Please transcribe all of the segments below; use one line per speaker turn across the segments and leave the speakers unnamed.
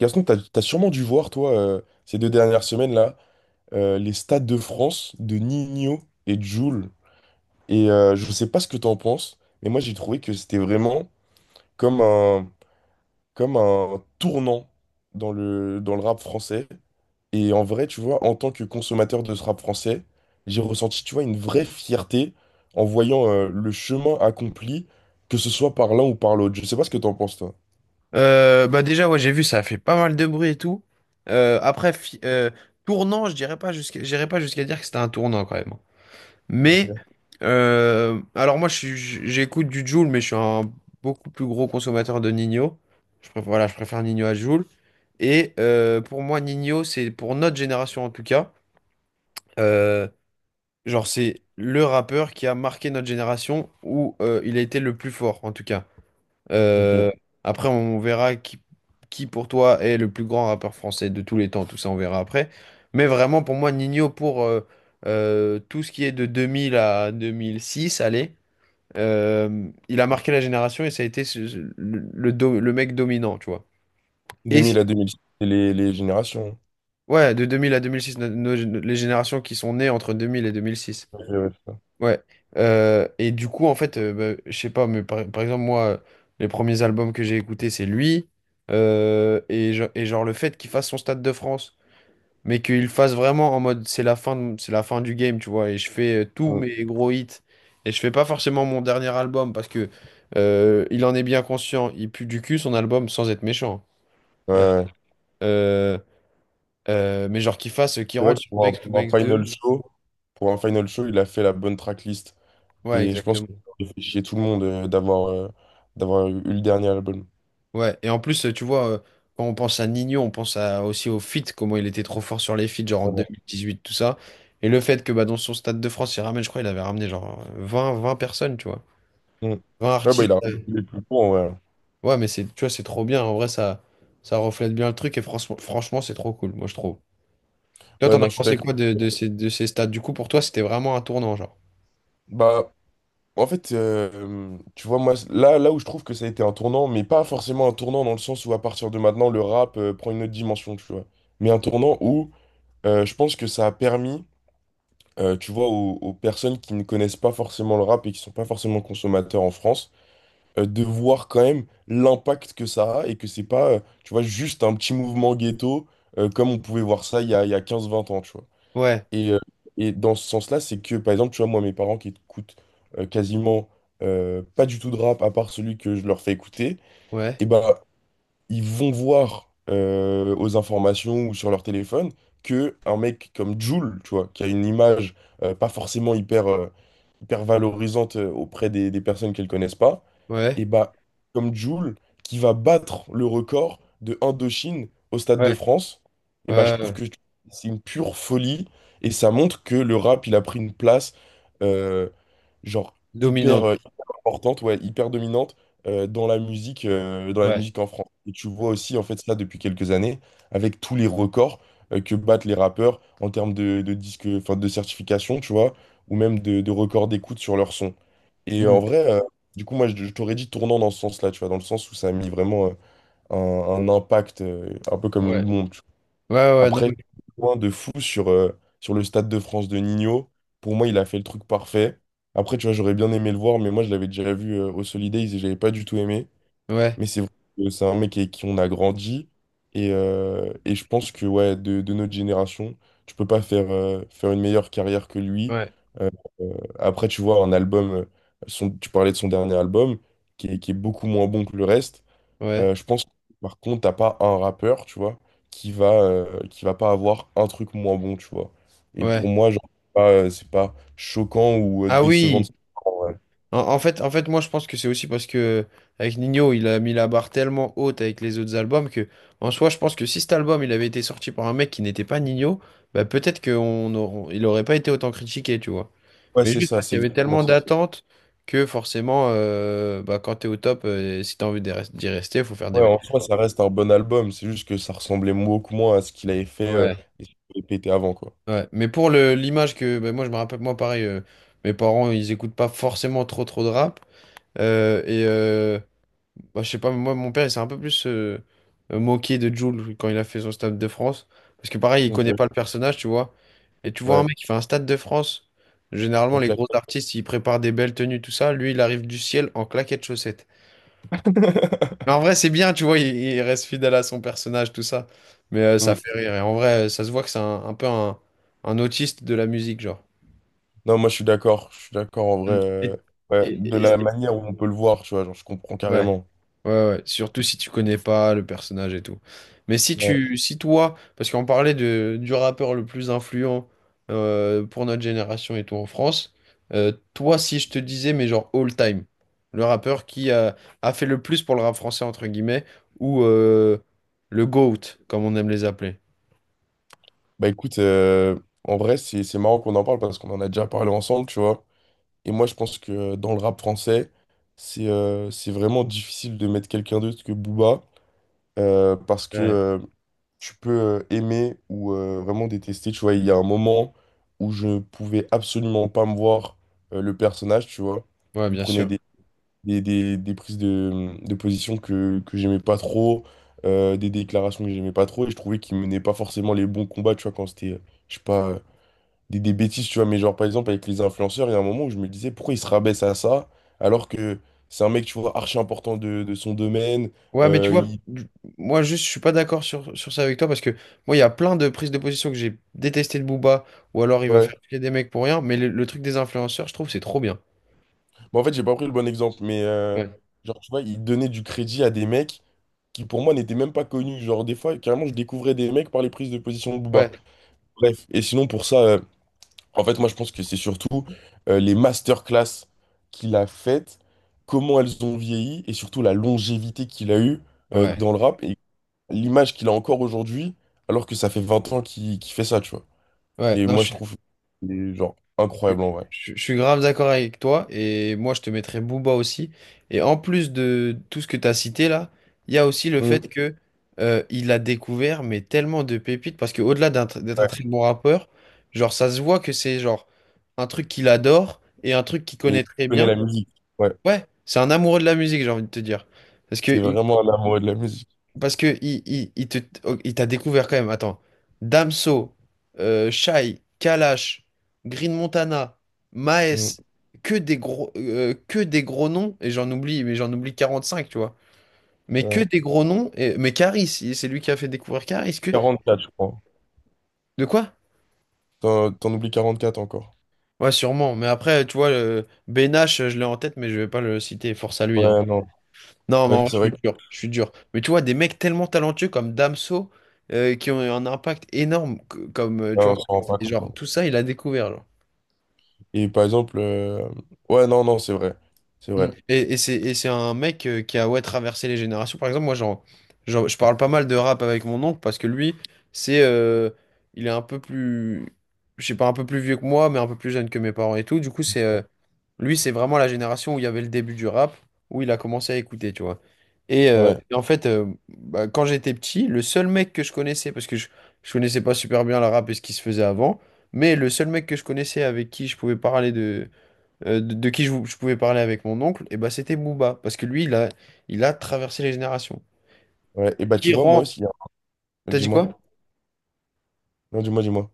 Gaston, t'as sûrement dû voir, toi, ces deux dernières semaines-là, les stades de France de Nino et Jul. Et je sais pas ce que t'en penses, mais moi j'ai trouvé que c'était vraiment comme un, comme un tournant dans le rap français. Et en vrai, tu vois, en tant que consommateur de ce rap français, j'ai ressenti, tu vois, une vraie fierté en voyant le chemin accompli, que ce soit par l'un ou par l'autre. Je sais pas ce que t'en penses, toi.
Bah déjà, ouais, j'ai vu, ça a fait pas mal de bruit et tout. Après, tournant, je dirais pas jusqu'à, j'irais pas jusqu'à dire que c'était un tournant quand même. Mais,
Ok.
alors moi, j'écoute du Jul, mais je suis un beaucoup plus gros consommateur de Ninho. Je préfère, voilà, je préfère Ninho à Jul. Et pour moi, Ninho, c'est pour notre génération en tout cas. euh, genre, c'est le rappeur qui a marqué notre génération où il a été le plus fort en tout cas.
Ok.
Euh, Après, on verra qui pour toi est le plus grand rappeur français de tous les temps. Tout ça, on verra après. Mais vraiment, pour moi, Nino, pour tout ce qui est de 2000 à 2006, allez, il a marqué la génération et ça a été le mec dominant, tu vois. Et si,
2000 à 2006, c'est les générations.
ouais, de 2000 à 2006, les générations qui sont nées entre 2000 et 2006.
Ok, ouais.
Ouais. Et du coup, en fait, bah, je sais pas, mais par exemple, moi, les premiers albums que j'ai écoutés, c'est lui. Et, genre, le fait qu'il fasse son Stade de France, mais qu'il fasse vraiment en mode c'est la fin, c'est la fin du game, tu vois. Et je fais tous
Mm.
mes gros hits. Et je fais pas forcément mon dernier album parce que il en est bien conscient. Il pue du cul son album sans être méchant.
Ouais,
Hein.
ouais.
Euh, mais genre, qu'il
C'est vrai
rentre
que
sur
pour
Banks to Banks deux.
pour un final show, il a fait la bonne tracklist.
Ouais,
Et je pense que
exactement.
ça fait chier tout le monde d'avoir eu le dernier album.
Ouais, et en plus, tu vois, quand on pense à Nino, on pense aussi au fit comment il était trop fort sur les feats, genre en deux
Vraiment.
mille dix-huit tout ça. Et le fait que bah, dans son Stade de France, il ramène, je crois, il avait ramené genre vingt personnes, tu vois.
Mm.
vingt
Ouais, bah,
artistes.
il a raison,
Ouais.
il est plus court, ouais.
Ouais, mais c'est, tu vois, c'est trop bien. En vrai, ça reflète bien le truc et franchement, franchement, c'est trop cool, moi, je trouve. Toi,
Ouais,
t'en as
non, je suis
pensé
d'accord.
quoi de ces stades? Du coup, pour toi, c'était vraiment un tournant, genre.
Bah, en fait, tu vois, moi, là où je trouve que ça a été un tournant, mais pas forcément un tournant dans le sens où à partir de maintenant, le rap prend une autre dimension, tu vois. Mais un tournant où je pense que ça a permis. Tu vois, aux personnes qui ne connaissent pas forcément le rap et qui sont pas forcément consommateurs en France, de voir quand même l'impact que ça a et que c'est pas, tu vois, juste un petit mouvement ghetto comme on pouvait voir ça il y a 15 20 ans, tu vois.
Ouais,
Et, euh, et dans ce sens-là, c'est que, par exemple, tu vois, moi, mes parents qui écoutent quasiment pas du tout de rap à part celui que je leur fais écouter,
ouais,
et ben ils vont voir aux informations ou sur leur téléphone que un mec comme Jul, tu vois, qui a une image pas forcément hyper valorisante auprès des personnes qu'elles connaissent pas,
ouais,
et bah, comme Jul, qui va battre le record de Indochine au Stade de
ouais,
France, et bah, je
ouais,
trouve
ouais.
que c'est une pure folie et ça montre que le rap, il a pris une place euh, genre hyper,
Dominante.
euh, hyper importante, ouais, hyper dominante dans la
Ouais.
musique en France. Et tu vois aussi en fait ça depuis quelques années avec tous les records que battent les rappeurs en termes de disque, enfin de certification, tu vois, ou même de records d'écoute sur leur son. Et en
Mm.
vrai, du coup, moi, je t'aurais dit tournant dans ce sens-là, tu vois, dans le sens où ça a mis vraiment un impact, un peu comme
Ouais,
une bombe, tu
ouais,
vois.
ouais, non,
Après, point de fou sur, sur le Stade de France de Nino. Pour moi, il a fait le truc parfait. Après, tu vois, j'aurais bien aimé le voir, mais moi, je l'avais déjà vu au Solidays et j'avais pas du tout aimé.
ouais,
Mais c'est vrai que c'est un mec avec qui on a grandi. Et je pense que ouais, de notre génération, tu peux pas faire, faire une meilleure carrière que lui.
ouais,
Euh, euh, Après, tu vois, un album, tu parlais de son dernier album, qui est beaucoup moins bon que le reste.
ouais.
Je pense que, par contre, t'as pas un rappeur, tu vois, qui va pas avoir un truc moins bon, tu vois. Et pour
Ouais.
moi, genre, c'est pas choquant ou
Ah
décevant.
oui,
Ouais,
en fait, moi je pense que c'est aussi parce que avec Nino, il a mis la barre tellement haute avec les autres albums que, en soi, je pense que si cet album il avait été sorti par un mec qui n'était pas Nino, bah peut-être il aurait pas été autant critiqué, tu vois.
Ouais,
Mais
c'est
juste
ça,
parce
c'est
qu'il y avait
exactement
tellement
ça.
d'attentes que forcément, bah, quand t'es au top, si t'as envie d'y rester, faut faire
Ouais,
des.
en soi, ça reste un bon album. C'est juste que ça ressemblait beaucoup moins à ce qu'il avait fait
Ouais.
et ce qu'il avait pété avant, quoi.
Ouais. Mais pour le l'image que, bah, moi je me rappelle, moi pareil, mes parents ils écoutent pas forcément trop trop de rap. Et, bah, je sais pas, mais moi, mon père, il s'est un peu plus moqué de Jules quand il a fait son Stade de France. Parce que pareil, il
Ok.
connaît pas le personnage, tu vois. Et tu vois un
Ouais,
mec qui fait un Stade de France. Généralement,
on
les gros
claque.
artistes, ils préparent des belles tenues, tout ça. Lui, il arrive du ciel en claquettes chaussettes. Mais en vrai, c'est bien, tu vois, il reste fidèle à son personnage, tout ça. Mais ça
Hmm.
fait rire. Et en vrai, ça se voit que c'est un peu un autiste de la musique, genre.
Non, moi, je suis d'accord. Je suis d'accord, en vrai.
Mm. Et,
Ouais,
Et,
de la
et-
manière où on peut le voir, tu vois, genre, je comprends
ouais,
carrément.
ouais, ouais. Surtout si tu connais pas le personnage et tout. Mais
Ouais.
si toi, parce qu'on parlait du rappeur le plus influent pour notre génération et tout en France, toi, si je te disais, mais genre all time, le rappeur a fait le plus pour le rap français, entre guillemets, ou le GOAT, comme on aime les appeler.
Bah, écoute, en vrai, c'est marrant qu'on en parle parce qu'on en a déjà parlé ensemble, tu vois. Et moi, je pense que dans le rap français, c'est vraiment difficile de mettre quelqu'un d'autre que Booba. Parce que
Ouais.
tu peux aimer ou vraiment détester. Tu vois, il y a un moment où je pouvais absolument pas me voir le personnage, tu vois.
Ouais,
Il
bien
prenait
sûr.
des prises de position que j'aimais pas trop, des déclarations que j'aimais pas trop, et je trouvais qu'il menait pas forcément les bons combats, tu vois, quand c'était, je sais pas, des bêtises, tu vois. Mais genre, par exemple, avec les influenceurs, il y a un moment où je me disais, pourquoi il se rabaisse à ça, alors que c'est un mec, tu vois, archi important de son domaine,
Ouais, mais tu
euh,
Vois,
il...
moi juste, je suis pas d'accord sur ça avec toi parce que moi, il y a plein de prises de position que j'ai détesté de Booba ou alors il va
ouais.
faire chier des mecs pour rien, mais le truc des influenceurs, je trouve, c'est trop bien.
Bon, en fait, j'ai pas pris le bon exemple, mais
Ouais.
genre, tu vois, il donnait du crédit à des mecs qui, pour moi, n'étaient même pas connus. Genre, des fois, carrément, je découvrais des mecs par les prises de position de
Ouais,
Booba. Bref, et sinon, pour ça, en fait, moi, je pense que c'est surtout les masterclass qu'il a faites, comment elles ont vieilli, et surtout la longévité qu'il a eue
ouais,
dans le rap, et l'image qu'il a encore aujourd'hui, alors que ça fait 20 ans qu'il fait ça, tu vois.
ouais.
Et
Non,
moi, je trouve, genre,
Je,
incroyable en vrai.
je suis grave d'accord avec toi et moi je te mettrais Booba aussi. Et en plus de tout ce que tu as cité là, il y a aussi le
Mm.
fait que il a découvert mais tellement de pépites parce que au-delà d'être un
Ouais.
très bon rappeur, genre ça se voit que c'est genre un truc qu'il adore et un truc qu'il
Et il
connaît très
connaît
bien.
la musique. Ouais.
Ouais, c'est un amoureux de la musique, j'ai envie de te dire. Parce que
C'est
il,
vraiment un amoureux de la musique.
Parce que il t'a découvert quand même. Attends. Damso, Shai, Kalash, Green Montana, Maes,
Mm,
que des gros noms. Et j'en oublie, mais j'en oublie 45 tu vois. Mais que
ouais.
des gros noms. Et, mais Karis, c'est lui qui a fait découvrir Karis. Que,
44, je crois.
de quoi?
T'en oublies 44 encore.
Ouais, sûrement. Mais après, tu vois, Ben je l'ai en tête, mais je vais pas le citer. Force à lui, hein.
Ouais, non.
Non, mais
Ouais,
en vrai,
c'est
je
vrai
suis dur, je suis dur. Mais tu vois, des mecs tellement talentueux comme Damso, qui ont eu un impact énorme, comme, tu
qu'on
vois,
s'en rend pas
et
compte, hein.
genre, tout ça, il a découvert, genre.
Et par exemple, ouais, non, non, c'est vrai. C'est
Mm.
vrai.
C'est un mec qui a ouais, traversé les générations. Par exemple, moi, je parle pas mal de rap avec mon oncle parce que lui, c'est, euh, il est un peu plus, je sais pas, un peu plus vieux que moi, mais un peu plus jeune que mes parents et tout. Du coup, lui, c'est vraiment la génération où il y avait le début du rap, où il a commencé à écouter, tu vois.
Ouais,
En fait, bah, quand j'étais petit, le seul mec que je connaissais, parce que je connaissais pas super bien le rap et ce qui se faisait avant, mais le seul mec que je connaissais avec qui je pouvais parler de je pouvais parler avec mon oncle, et bah c'était Booba, parce que lui, il a traversé les générations.
ouais. Et bah,
Ce
tu
qui
vois, moi
rend...
aussi, hein.
T'as dit
Dis-moi.
quoi?
Non, dis-moi, dis-moi.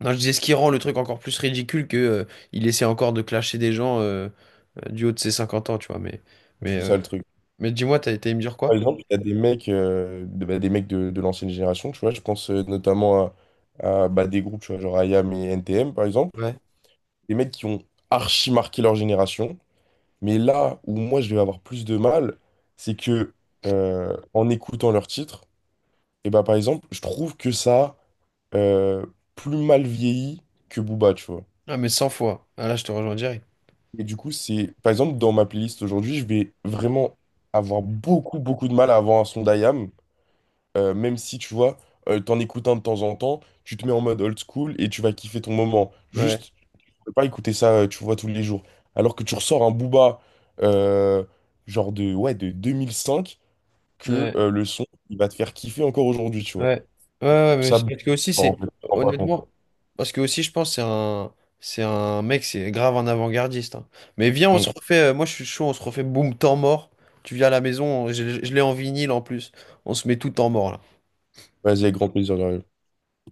Non, je disais ce qui rend le truc encore plus ridicule que il essaie encore de clasher des gens du haut de ses 50 ans, tu vois, mais,
C'est
euh,
ça le truc.
mais dis-moi, t'as été me dire
Par
quoi?
exemple, il y a des mecs, bah, des mecs de l'ancienne génération, tu vois. Je pense notamment à, bah, des groupes, tu vois, genre IAM et NTM, par exemple.
Ouais.
Des mecs qui ont archi marqué leur génération. Mais là où moi je vais avoir plus de mal, c'est que en écoutant leurs titres, et bah par exemple, je trouve que ça a plus mal vieilli que Booba, tu vois.
Ah, mais 100 fois. Ah, là, je te rejoins direct.
Et du coup, c'est par exemple dans ma playlist aujourd'hui, je vais vraiment avoir beaucoup beaucoup de mal à avoir un son d'IAM, même si tu vois, t'en écoutes un de temps en temps, tu te mets en mode old school et tu vas kiffer ton moment.
Ouais.
Juste, tu peux pas écouter ça, tu vois, tous les jours. Alors que tu ressors un Booba euh, genre de ouais de 2005 que
Ouais.
le son, il va te faire kiffer encore aujourd'hui, tu vois.
Ouais, ouais, ouais, mais c'est
Ça,
parce que aussi,
en
c'est
fait, je me rends pas compte.
honnêtement, parce que aussi, je pense, c'est un mec, c'est grave un avant-gardiste. Hein. Mais viens, on se
Mm.
refait, moi je suis chaud, on se refait boum, temps mort. Tu viens à la maison, je l'ai en vinyle en plus, on se met tout temps mort là.
Vas-y, avec grand plaisir, Dario.